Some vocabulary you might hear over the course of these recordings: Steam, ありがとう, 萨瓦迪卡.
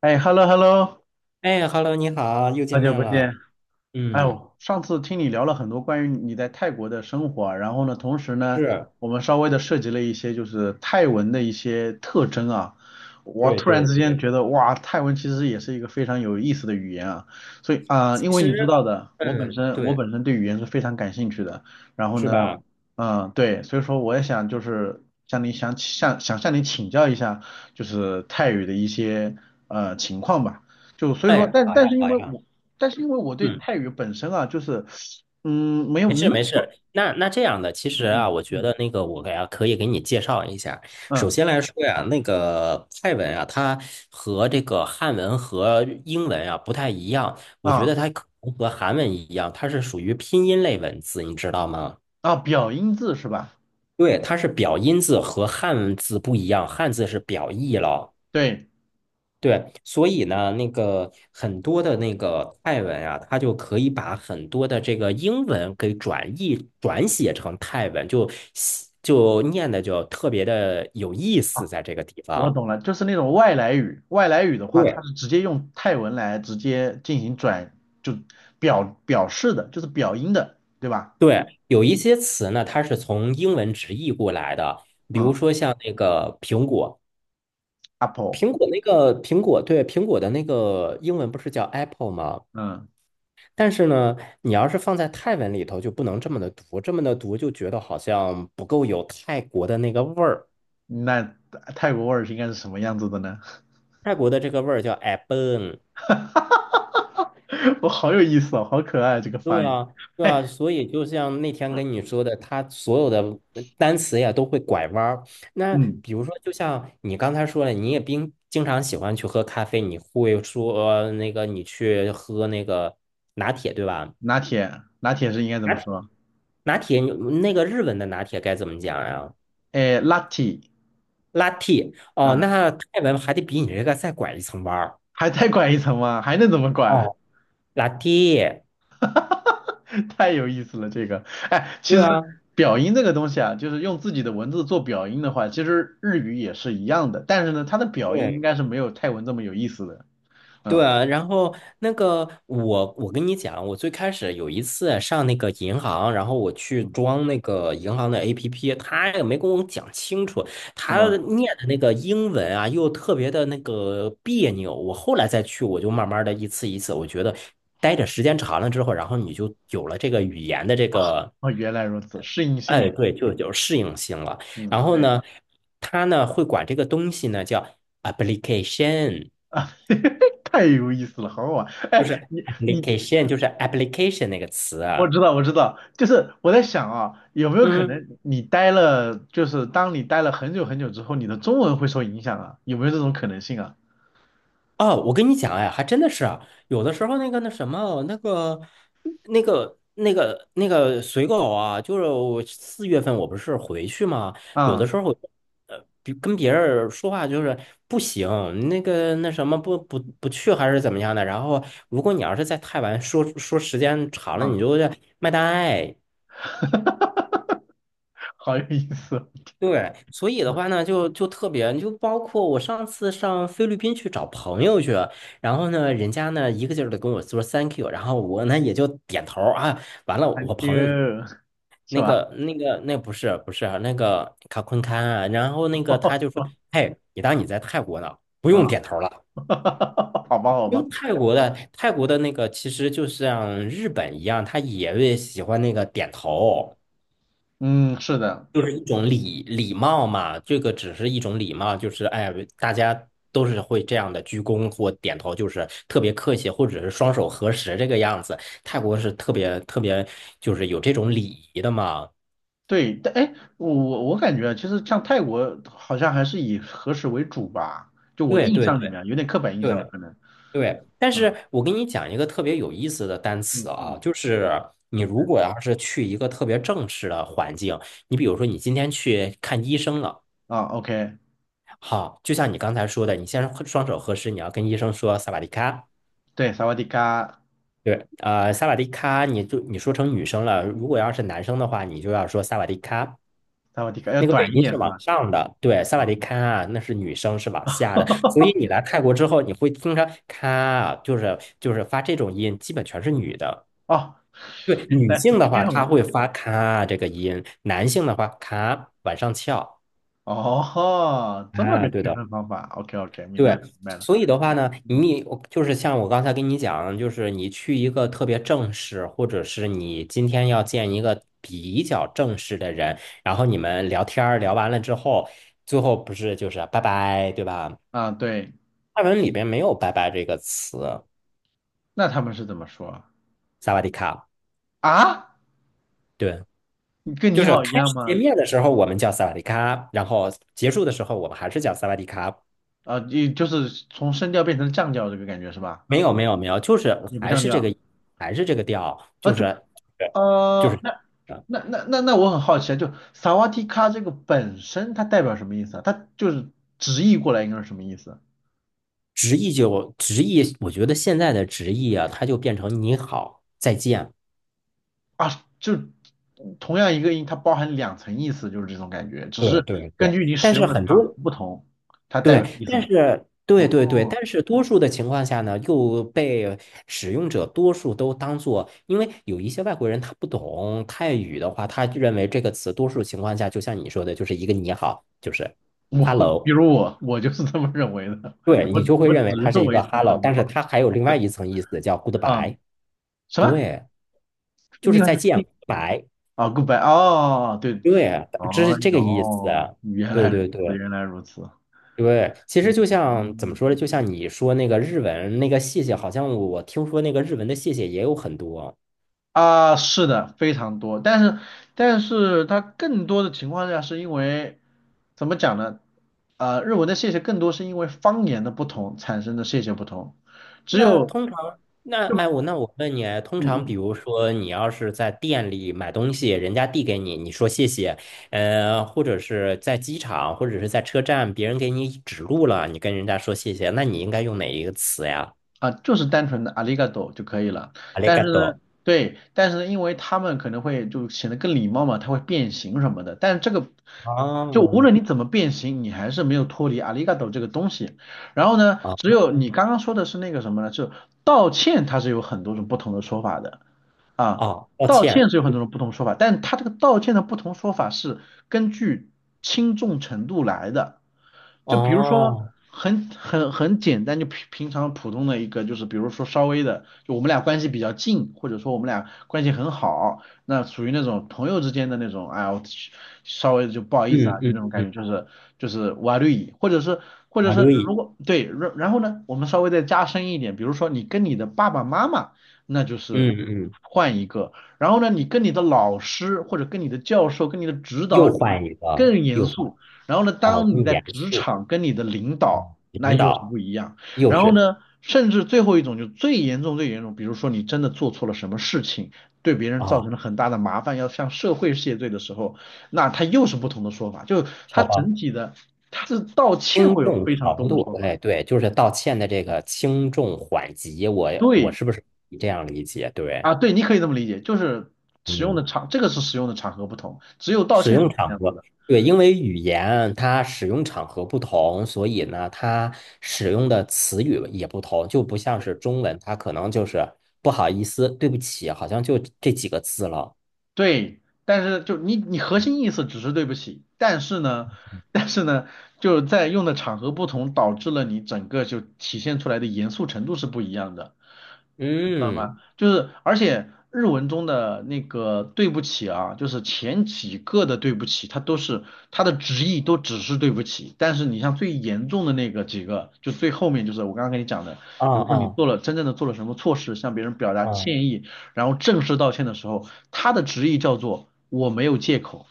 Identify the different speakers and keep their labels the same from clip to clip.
Speaker 1: 哎，hello hello，
Speaker 2: 哎，Hello，你好，又见
Speaker 1: 好久
Speaker 2: 面
Speaker 1: 不
Speaker 2: 了。
Speaker 1: 见。哎
Speaker 2: 嗯，
Speaker 1: 呦，上次听你聊了很多关于你在泰国的生活啊，然后呢，同时呢，
Speaker 2: 是，
Speaker 1: 我们稍微的涉及了一些就是泰文的一些特征啊。我
Speaker 2: 对
Speaker 1: 突然
Speaker 2: 对
Speaker 1: 之间
Speaker 2: 对，
Speaker 1: 觉得，哇，泰文其实也是一个非常有意思的语言啊。所以啊，因
Speaker 2: 其
Speaker 1: 为你知
Speaker 2: 实，
Speaker 1: 道的，我本
Speaker 2: 嗯，
Speaker 1: 身我
Speaker 2: 对，
Speaker 1: 本身对语言是非常感兴趣的。然后
Speaker 2: 是
Speaker 1: 呢，
Speaker 2: 吧？
Speaker 1: 嗯，对，所以说我也想就是向你想向想向你请教一下，就是泰语的一些情况吧。就所以说，
Speaker 2: 哎，
Speaker 1: 但
Speaker 2: 好
Speaker 1: 但
Speaker 2: 呀，
Speaker 1: 是因
Speaker 2: 好
Speaker 1: 为
Speaker 2: 呀，
Speaker 1: 我但是因为我对
Speaker 2: 嗯，
Speaker 1: 泰语本身啊，就是嗯，没有
Speaker 2: 没事
Speaker 1: 那
Speaker 2: 没
Speaker 1: 么
Speaker 2: 事。那这样的，其实
Speaker 1: 嗯
Speaker 2: 啊，
Speaker 1: 嗯
Speaker 2: 我觉
Speaker 1: 嗯
Speaker 2: 得那个我给啊可以给你介绍一下。首
Speaker 1: 嗯
Speaker 2: 先来说呀，那个泰文啊，它和这个汉文和英文啊不太一样，我觉得
Speaker 1: 啊
Speaker 2: 它可能和韩文一样，它是属于拼音类文字，你知道吗？
Speaker 1: 啊表音字是吧？
Speaker 2: 对，它是表音字和汉字不一样，汉字是表意了。
Speaker 1: 对，
Speaker 2: 对，所以呢，那个很多的那个泰文啊，它就可以把很多的这个英文给转译转写成泰文，就写就念的就特别的有意思，在这个地
Speaker 1: 我
Speaker 2: 方。
Speaker 1: 懂了，就是那种外来语，外来语的话，它
Speaker 2: 对，
Speaker 1: 是直接用泰文来直接进行转，就表示的，就是表音的，对吧？
Speaker 2: 对，有一些词呢，它是从英文直译过来的，比如
Speaker 1: 嗯
Speaker 2: 说像那个苹果，
Speaker 1: ，apple，
Speaker 2: 苹果那个苹果，对，苹果的那个英文不是叫 Apple 吗？
Speaker 1: 嗯，
Speaker 2: 但是呢，你要是放在泰文里头，就不能这么的读，这么的读就觉得好像不够有泰国的那个味儿。
Speaker 1: 那泰国味儿是应该是什么样子的呢？
Speaker 2: 泰国的这个味儿叫 a b o n。
Speaker 1: 我好有意思哦，好可爱啊这个发
Speaker 2: 对
Speaker 1: 音。
Speaker 2: 啊，对
Speaker 1: 哎，
Speaker 2: 啊。所以就像那天跟你说的，它所有的单词呀都会拐弯儿。那
Speaker 1: 嗯，
Speaker 2: 比如说，就像你刚才说了，你也经常喜欢去喝咖啡，你会说那个你去喝那个拿铁，对吧？
Speaker 1: 拿铁，拿铁是应该怎么
Speaker 2: 拿
Speaker 1: 说？
Speaker 2: 拿铁，那个日文的拿铁该怎么讲呀？
Speaker 1: 哎，Lucky，
Speaker 2: 拉 a t 哦，
Speaker 1: 嗯，
Speaker 2: 那泰文还得比你这个再拐一层弯儿。
Speaker 1: 还再拐一层吗？还能怎么拐？
Speaker 2: 哦拉 a t。
Speaker 1: 太有意思了，这个。哎，其
Speaker 2: 对
Speaker 1: 实
Speaker 2: 啊，
Speaker 1: 表音这个东西啊，就是用自己的文字做表音的话，其实日语也是一样的，但是呢，它的表音应
Speaker 2: 对
Speaker 1: 该是没有泰文这么有意思的。
Speaker 2: 对
Speaker 1: 嗯
Speaker 2: 啊，然后那个我跟你讲，我最开始有一次上那个银行，然后我去
Speaker 1: 嗯，
Speaker 2: 装那个银行的 APP，他也没跟我讲清楚，
Speaker 1: 是
Speaker 2: 他
Speaker 1: 吗？
Speaker 2: 念的那个英文啊，又特别的那个别扭。我后来再去，我就慢慢的一次一次，我觉得待着时间长了之后，然后你就有了这个语言的这个。
Speaker 1: 哦，原来如此，适应性
Speaker 2: 哎，
Speaker 1: 嘛。
Speaker 2: 对，就有适应性了。
Speaker 1: 嗯，
Speaker 2: 然后
Speaker 1: 对
Speaker 2: 呢，他呢会管这个东西呢叫 application，
Speaker 1: 啊，太有意思了，好好玩。
Speaker 2: 就是
Speaker 1: 哎，你
Speaker 2: application，就是 application 那个词
Speaker 1: 我
Speaker 2: 啊。
Speaker 1: 知道，我知道，就是我在想啊，有没有可
Speaker 2: 嗯，
Speaker 1: 能你待了，就是当你待了很久很久之后，你的中文会受影响啊？有没有这种可能性啊？
Speaker 2: 哦，我跟你讲，哎，还真的是啊，有的时候那个那什么，那个那个随狗啊，就是我四月份我不是回去嘛，有
Speaker 1: 嗯
Speaker 2: 的时候呃，比跟别人说话就是不行，那个那什么不去还是怎么样的。然后如果你要是在太晚说说时间长了，你
Speaker 1: 嗯，
Speaker 2: 就会卖大爱。
Speaker 1: 好有意思哦，
Speaker 2: 对，所以的
Speaker 1: 我
Speaker 2: 话呢，就特别，就包括我上次上菲律宾去找朋友去，然后呢，人家呢一个劲儿的跟我说 thank you，然后我呢也就点头儿啊，完了，
Speaker 1: thank
Speaker 2: 我朋友就
Speaker 1: you，是
Speaker 2: 那
Speaker 1: 吧？
Speaker 2: 个那个那不是啊，那个卡昆堪啊，然后那个他 就
Speaker 1: 是
Speaker 2: 说，
Speaker 1: 吧？
Speaker 2: 嘿，你当你在泰国呢，不
Speaker 1: 啊，
Speaker 2: 用点头了。
Speaker 1: 好吧，好
Speaker 2: 因为
Speaker 1: 吧，
Speaker 2: 泰国的那个其实就像日本一样，他也会喜欢那个点头。
Speaker 1: 嗯，是的，
Speaker 2: 就是一种礼礼貌嘛，这个只是一种礼貌，就是哎，大家都是会这样的鞠躬或点头，就是特别客气，或者是双手合十这个样子。泰国是特别特别，就是有这种礼仪的嘛。
Speaker 1: 对，但哎，我感觉啊其实像泰国好像还是以和食为主吧，就我的
Speaker 2: 对
Speaker 1: 印
Speaker 2: 对
Speaker 1: 象里面
Speaker 2: 对
Speaker 1: 啊，有点刻板印象了，
Speaker 2: 对
Speaker 1: 可能，
Speaker 2: 对，但是
Speaker 1: 啊
Speaker 2: 我给你讲一个特别有意思的单
Speaker 1: 嗯
Speaker 2: 词
Speaker 1: 嗯
Speaker 2: 啊，
Speaker 1: 嗯，
Speaker 2: 就是
Speaker 1: 怎
Speaker 2: 你
Speaker 1: 么
Speaker 2: 如
Speaker 1: 的
Speaker 2: 果要是去一个特别正式的环境，你比如说你今天去看医生了，
Speaker 1: 啊？OK。
Speaker 2: 好，就像你刚才说的，你先双手合十，你要跟医生说萨瓦迪卡。
Speaker 1: 对，萨瓦迪卡，
Speaker 2: 对，呃，萨瓦迪卡，你就你说成女生了。如果要是男生的话，你就要说萨瓦迪卡。
Speaker 1: 萨瓦迪卡要
Speaker 2: 那个尾
Speaker 1: 短一
Speaker 2: 音
Speaker 1: 点
Speaker 2: 是
Speaker 1: 是
Speaker 2: 往
Speaker 1: 吧？
Speaker 2: 上的，对，萨瓦
Speaker 1: 啊、
Speaker 2: 迪卡啊，那是女生是往下的。所以你 来泰国之后，你会听着咔啊，就是就是发这种音，基本全是女的。
Speaker 1: 哦，
Speaker 2: 对，
Speaker 1: 原
Speaker 2: 女
Speaker 1: 来
Speaker 2: 性
Speaker 1: 是
Speaker 2: 的
Speaker 1: 这
Speaker 2: 话，
Speaker 1: 样
Speaker 2: 她
Speaker 1: 吗？
Speaker 2: 会发咔啊这个音；男性的话，咔往上翘
Speaker 1: 哦，这么
Speaker 2: 啊，
Speaker 1: 个
Speaker 2: 对
Speaker 1: 区
Speaker 2: 的。
Speaker 1: 分方法，OK OK，明白了
Speaker 2: 对，
Speaker 1: 明白了。
Speaker 2: 所以的话呢，
Speaker 1: 嗯
Speaker 2: 你我就是像我刚才跟你讲，就是你去一个特别正式，或者是你今天要见一个比较正式的人，然后你们聊天儿聊完了之后，最后不是就是拜拜，对吧？
Speaker 1: 啊，对，
Speaker 2: 泰文里边没有拜拜这个词，
Speaker 1: 那他们是怎么说
Speaker 2: 萨瓦迪卡。
Speaker 1: 啊？
Speaker 2: 对，
Speaker 1: 你跟
Speaker 2: 就
Speaker 1: 你
Speaker 2: 是
Speaker 1: 好一
Speaker 2: 开
Speaker 1: 样
Speaker 2: 始见
Speaker 1: 吗？
Speaker 2: 面的时候我们叫萨瓦迪卡，然后结束的时候我们还是叫萨瓦迪卡。
Speaker 1: 啊，你就是从升调变成降调这个感觉是吧？
Speaker 2: 没有，就是
Speaker 1: 你不
Speaker 2: 还
Speaker 1: 降
Speaker 2: 是这
Speaker 1: 调
Speaker 2: 个还是这个调，
Speaker 1: 啊，
Speaker 2: 就
Speaker 1: 就，
Speaker 2: 是就是。就是
Speaker 1: 那那我很好奇啊，就萨瓦迪卡这个本身它代表什么意思啊？它就是直译过来应该是什么意思？
Speaker 2: 直译就直译，我觉得现在的直译啊，它就变成你好，再见。
Speaker 1: 啊，就同样一个音，它包含两层意思，就是这种感觉，只
Speaker 2: 对
Speaker 1: 是
Speaker 2: 对
Speaker 1: 根
Speaker 2: 对，
Speaker 1: 据你
Speaker 2: 但
Speaker 1: 使用
Speaker 2: 是
Speaker 1: 的
Speaker 2: 很
Speaker 1: 场合
Speaker 2: 多
Speaker 1: 不同，它代表的
Speaker 2: 对，
Speaker 1: 意思
Speaker 2: 但
Speaker 1: 不
Speaker 2: 是
Speaker 1: 同。
Speaker 2: 对，
Speaker 1: 哦，
Speaker 2: 但是多数的情况下呢，又被使用者多数都当做，因为有一些外国人他不懂泰语的话，他认为这个词多数情况下，就像你说的，就是一个你好，就是
Speaker 1: 我比
Speaker 2: hello，
Speaker 1: 如我，我就是这么认为的，
Speaker 2: 对
Speaker 1: 我
Speaker 2: 你就会
Speaker 1: 我只
Speaker 2: 认为它是
Speaker 1: 认
Speaker 2: 一
Speaker 1: 为
Speaker 2: 个
Speaker 1: 它是
Speaker 2: hello，
Speaker 1: 你
Speaker 2: 但是
Speaker 1: 好
Speaker 2: 它还有另外一层意思叫
Speaker 1: 啊，
Speaker 2: goodbye，
Speaker 1: 什么？
Speaker 2: 对，就是
Speaker 1: 另外
Speaker 2: 再
Speaker 1: 是
Speaker 2: 见
Speaker 1: C
Speaker 2: ，goodbye。
Speaker 1: 啊，goodbye 哦，对，
Speaker 2: 对啊，这
Speaker 1: 哦
Speaker 2: 是这个意思
Speaker 1: 哟，
Speaker 2: 啊。
Speaker 1: 原
Speaker 2: 对
Speaker 1: 来如
Speaker 2: 对
Speaker 1: 此，
Speaker 2: 对
Speaker 1: 原来如此，
Speaker 2: 对，其实就
Speaker 1: 嗯。
Speaker 2: 像怎么说呢？就像你说那个日文那个谢谢，好像我听说那个日文的谢谢也有很多。
Speaker 1: 啊，是的，非常多，但是但是它更多的情况下是因为怎么讲呢？呃，日文的谢谢更多是因为方言的不同产生的谢谢不同，只
Speaker 2: 那
Speaker 1: 有
Speaker 2: 通常，那哎，
Speaker 1: 就
Speaker 2: 我那我问你啊，通
Speaker 1: 嗯
Speaker 2: 常比
Speaker 1: 嗯
Speaker 2: 如说你要是在店里买东西，人家递给你，你说谢谢，呃，或者是在机场或者是在车站，别人给你指路了，你跟人家说谢谢，那你应该用哪一个词呀？
Speaker 1: 啊，就是单纯的 arigato 就可以了。
Speaker 2: あり
Speaker 1: 但是
Speaker 2: が
Speaker 1: 呢，
Speaker 2: とう。
Speaker 1: 对，但是呢，因为他们可能会就显得更礼貌嘛，它会变形什么的。但是这个就无
Speaker 2: 哦，
Speaker 1: 论你怎么变形，你还是没有脱离 arigato 这个东西。然后呢，
Speaker 2: 哦，
Speaker 1: 只有你刚刚说的是那个什么呢？就道歉，它是有很多种不同的说法的。啊，
Speaker 2: 哦，抱
Speaker 1: 道歉
Speaker 2: 歉。
Speaker 1: 是有很多种不同说法，但他这个道歉的不同说法是根据轻重程度来的。就比如说
Speaker 2: 哦，
Speaker 1: 很简单，就平常普通的一个，就是比如说稍微的，就我们俩关系比较近，或者说我们俩关系很好，那属于那种朋友之间的那种，哎呀，我稍微就不好意思
Speaker 2: 嗯
Speaker 1: 啊，就那
Speaker 2: 嗯
Speaker 1: 种
Speaker 2: 嗯，
Speaker 1: 感觉，就是就是瓦绿蚁，或者是或者
Speaker 2: 啊
Speaker 1: 是
Speaker 2: 对，
Speaker 1: 如果对，然后呢，我们稍微再加深一点，比如说你跟你的爸爸妈妈。那就是
Speaker 2: 嗯嗯，
Speaker 1: 换一个。然后呢，你跟你的老师或者跟你的教授、跟你的指导
Speaker 2: 又
Speaker 1: 者
Speaker 2: 换一个，
Speaker 1: 更严
Speaker 2: 又换，
Speaker 1: 肃。然后呢，
Speaker 2: 哦，
Speaker 1: 当你
Speaker 2: 更
Speaker 1: 在
Speaker 2: 严
Speaker 1: 职
Speaker 2: 肃，
Speaker 1: 场跟你的领导，
Speaker 2: 嗯
Speaker 1: 那
Speaker 2: 领
Speaker 1: 又是
Speaker 2: 导
Speaker 1: 不一样。
Speaker 2: 又
Speaker 1: 然后
Speaker 2: 是，
Speaker 1: 呢，甚至最后一种就最严重、最严重，比如说你真的做错了什么事情，对别人造成
Speaker 2: 哦，
Speaker 1: 了很大的麻烦，要向社会谢罪的时候，那他又是不同的说法。就他
Speaker 2: 好吧，
Speaker 1: 整体的，他是道歉
Speaker 2: 轻
Speaker 1: 会有
Speaker 2: 重
Speaker 1: 非常
Speaker 2: 程
Speaker 1: 多的
Speaker 2: 度，
Speaker 1: 说法。
Speaker 2: 哎，对，就是道歉的这个轻重缓急，我
Speaker 1: 对。
Speaker 2: 是不是你这样理解？对，
Speaker 1: 啊，对，你可以这么理解，就是使用
Speaker 2: 嗯
Speaker 1: 的场，这个是使用的场合不同，只有道
Speaker 2: 使
Speaker 1: 歉是
Speaker 2: 用
Speaker 1: 这
Speaker 2: 场
Speaker 1: 样子
Speaker 2: 合，
Speaker 1: 的。
Speaker 2: 对，因为语言它使用场合不同，所以呢，它使用的词语也不同，就不像
Speaker 1: 对，
Speaker 2: 是中文，它可能就是不好意思、对不起，好像就这几个字了。
Speaker 1: 对，但是就你核
Speaker 2: 嗯
Speaker 1: 心意思只是对不起，但是呢，但是呢，就是在用的场合不同，导致了你整个就体现出来的严肃程度是不一样的。你知道
Speaker 2: 嗯，
Speaker 1: 吗？就是而且日文中的那个对不起啊，就是前几个的对不起，它都是它的直译都只是对不起，但是你像最严重的那个几个，就最后面就是我刚刚跟你讲的，
Speaker 2: 哦
Speaker 1: 比如说你
Speaker 2: 哦
Speaker 1: 做了真正的做了什么错事，向别人表达
Speaker 2: 哦，
Speaker 1: 歉意，然后正式道歉的时候，它的直译叫做我没有借口。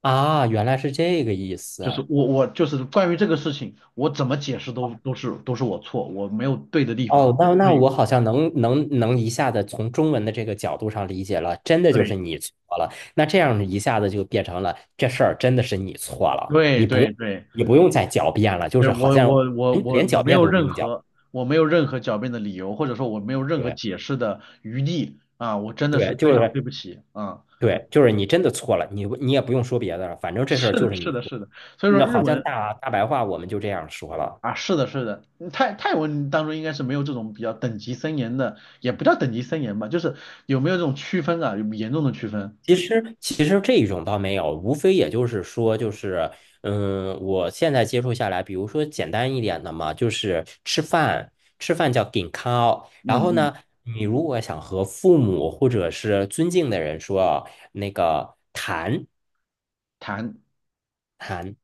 Speaker 2: 啊，原来是这个意
Speaker 1: 就是
Speaker 2: 思。
Speaker 1: 我就是关于这个事情，我怎么解释都是我错，我没有对的地方。
Speaker 2: 哦，那那
Speaker 1: 对
Speaker 2: 我好像能一下子从中文的这个角度上理解了，真的就是
Speaker 1: 对，
Speaker 2: 你错了。那这样一下子就变成了这事儿真的是你错了，
Speaker 1: 对
Speaker 2: 你不用
Speaker 1: 对对，
Speaker 2: 你不用再狡辩了，就
Speaker 1: 就
Speaker 2: 是
Speaker 1: 是
Speaker 2: 好
Speaker 1: 我
Speaker 2: 像
Speaker 1: 我我
Speaker 2: 哎
Speaker 1: 我
Speaker 2: 连
Speaker 1: 我
Speaker 2: 狡
Speaker 1: 没
Speaker 2: 辩
Speaker 1: 有
Speaker 2: 都不
Speaker 1: 任
Speaker 2: 用狡。
Speaker 1: 何我没有任何狡辩的理由，或者说我没有任何
Speaker 2: 对
Speaker 1: 解释的余地啊，我真的是
Speaker 2: 对，
Speaker 1: 非
Speaker 2: 就
Speaker 1: 常
Speaker 2: 是
Speaker 1: 对不起啊，
Speaker 2: 对，就是你真的错了，你你也不用说别的了，反正 这事儿
Speaker 1: 是
Speaker 2: 就
Speaker 1: 的，
Speaker 2: 是你
Speaker 1: 是的，
Speaker 2: 错。
Speaker 1: 是的，所以说
Speaker 2: 那
Speaker 1: 日
Speaker 2: 好像
Speaker 1: 文
Speaker 2: 大大白话我们就这样说了。
Speaker 1: 啊，是的，是的，嗯泰文当中应该是没有这种比较等级森严的，也不叫等级森严吧，就是有没有这种区分啊，有严重的区分，
Speaker 2: 其实，其实这一种倒没有，无非也就是说，就是，嗯，我现在接触下来，比如说简单一点的嘛，就是吃饭，吃饭叫 g i n k a 然
Speaker 1: 嗯
Speaker 2: 后
Speaker 1: 嗯，
Speaker 2: 呢，你如果想和父母或者是尊敬的人说那个谈
Speaker 1: 谈
Speaker 2: 谈，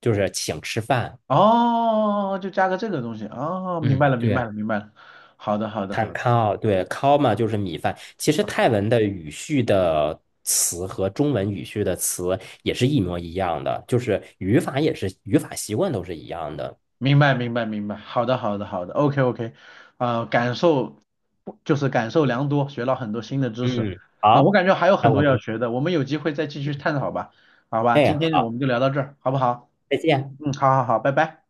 Speaker 2: 就是请吃饭，
Speaker 1: 哦，就加个这个东西哦，明白
Speaker 2: 嗯，
Speaker 1: 了，明白
Speaker 2: 对。
Speaker 1: 了，明白了，好的，好的，
Speaker 2: 碳
Speaker 1: 好的。
Speaker 2: 烤，对，烤嘛就是米饭。其实泰文的语序的词和中文语序的词也是一模一样的，就是语法也是语法习惯都是一样的。
Speaker 1: 明白，明白，明白。好的，好的，好的。OK，OK。啊，感受就是感受良多，学到很多新的知识。
Speaker 2: 嗯，
Speaker 1: 嗯、我
Speaker 2: 好，
Speaker 1: 感觉还有很
Speaker 2: 那
Speaker 1: 多
Speaker 2: 我
Speaker 1: 要
Speaker 2: 们，
Speaker 1: 学的，我们有机会再继续探讨吧。好吧，
Speaker 2: 哎，
Speaker 1: 今天我
Speaker 2: 好，
Speaker 1: 们就聊到这儿，好不好？
Speaker 2: 再见。
Speaker 1: 嗯，好好好，拜拜。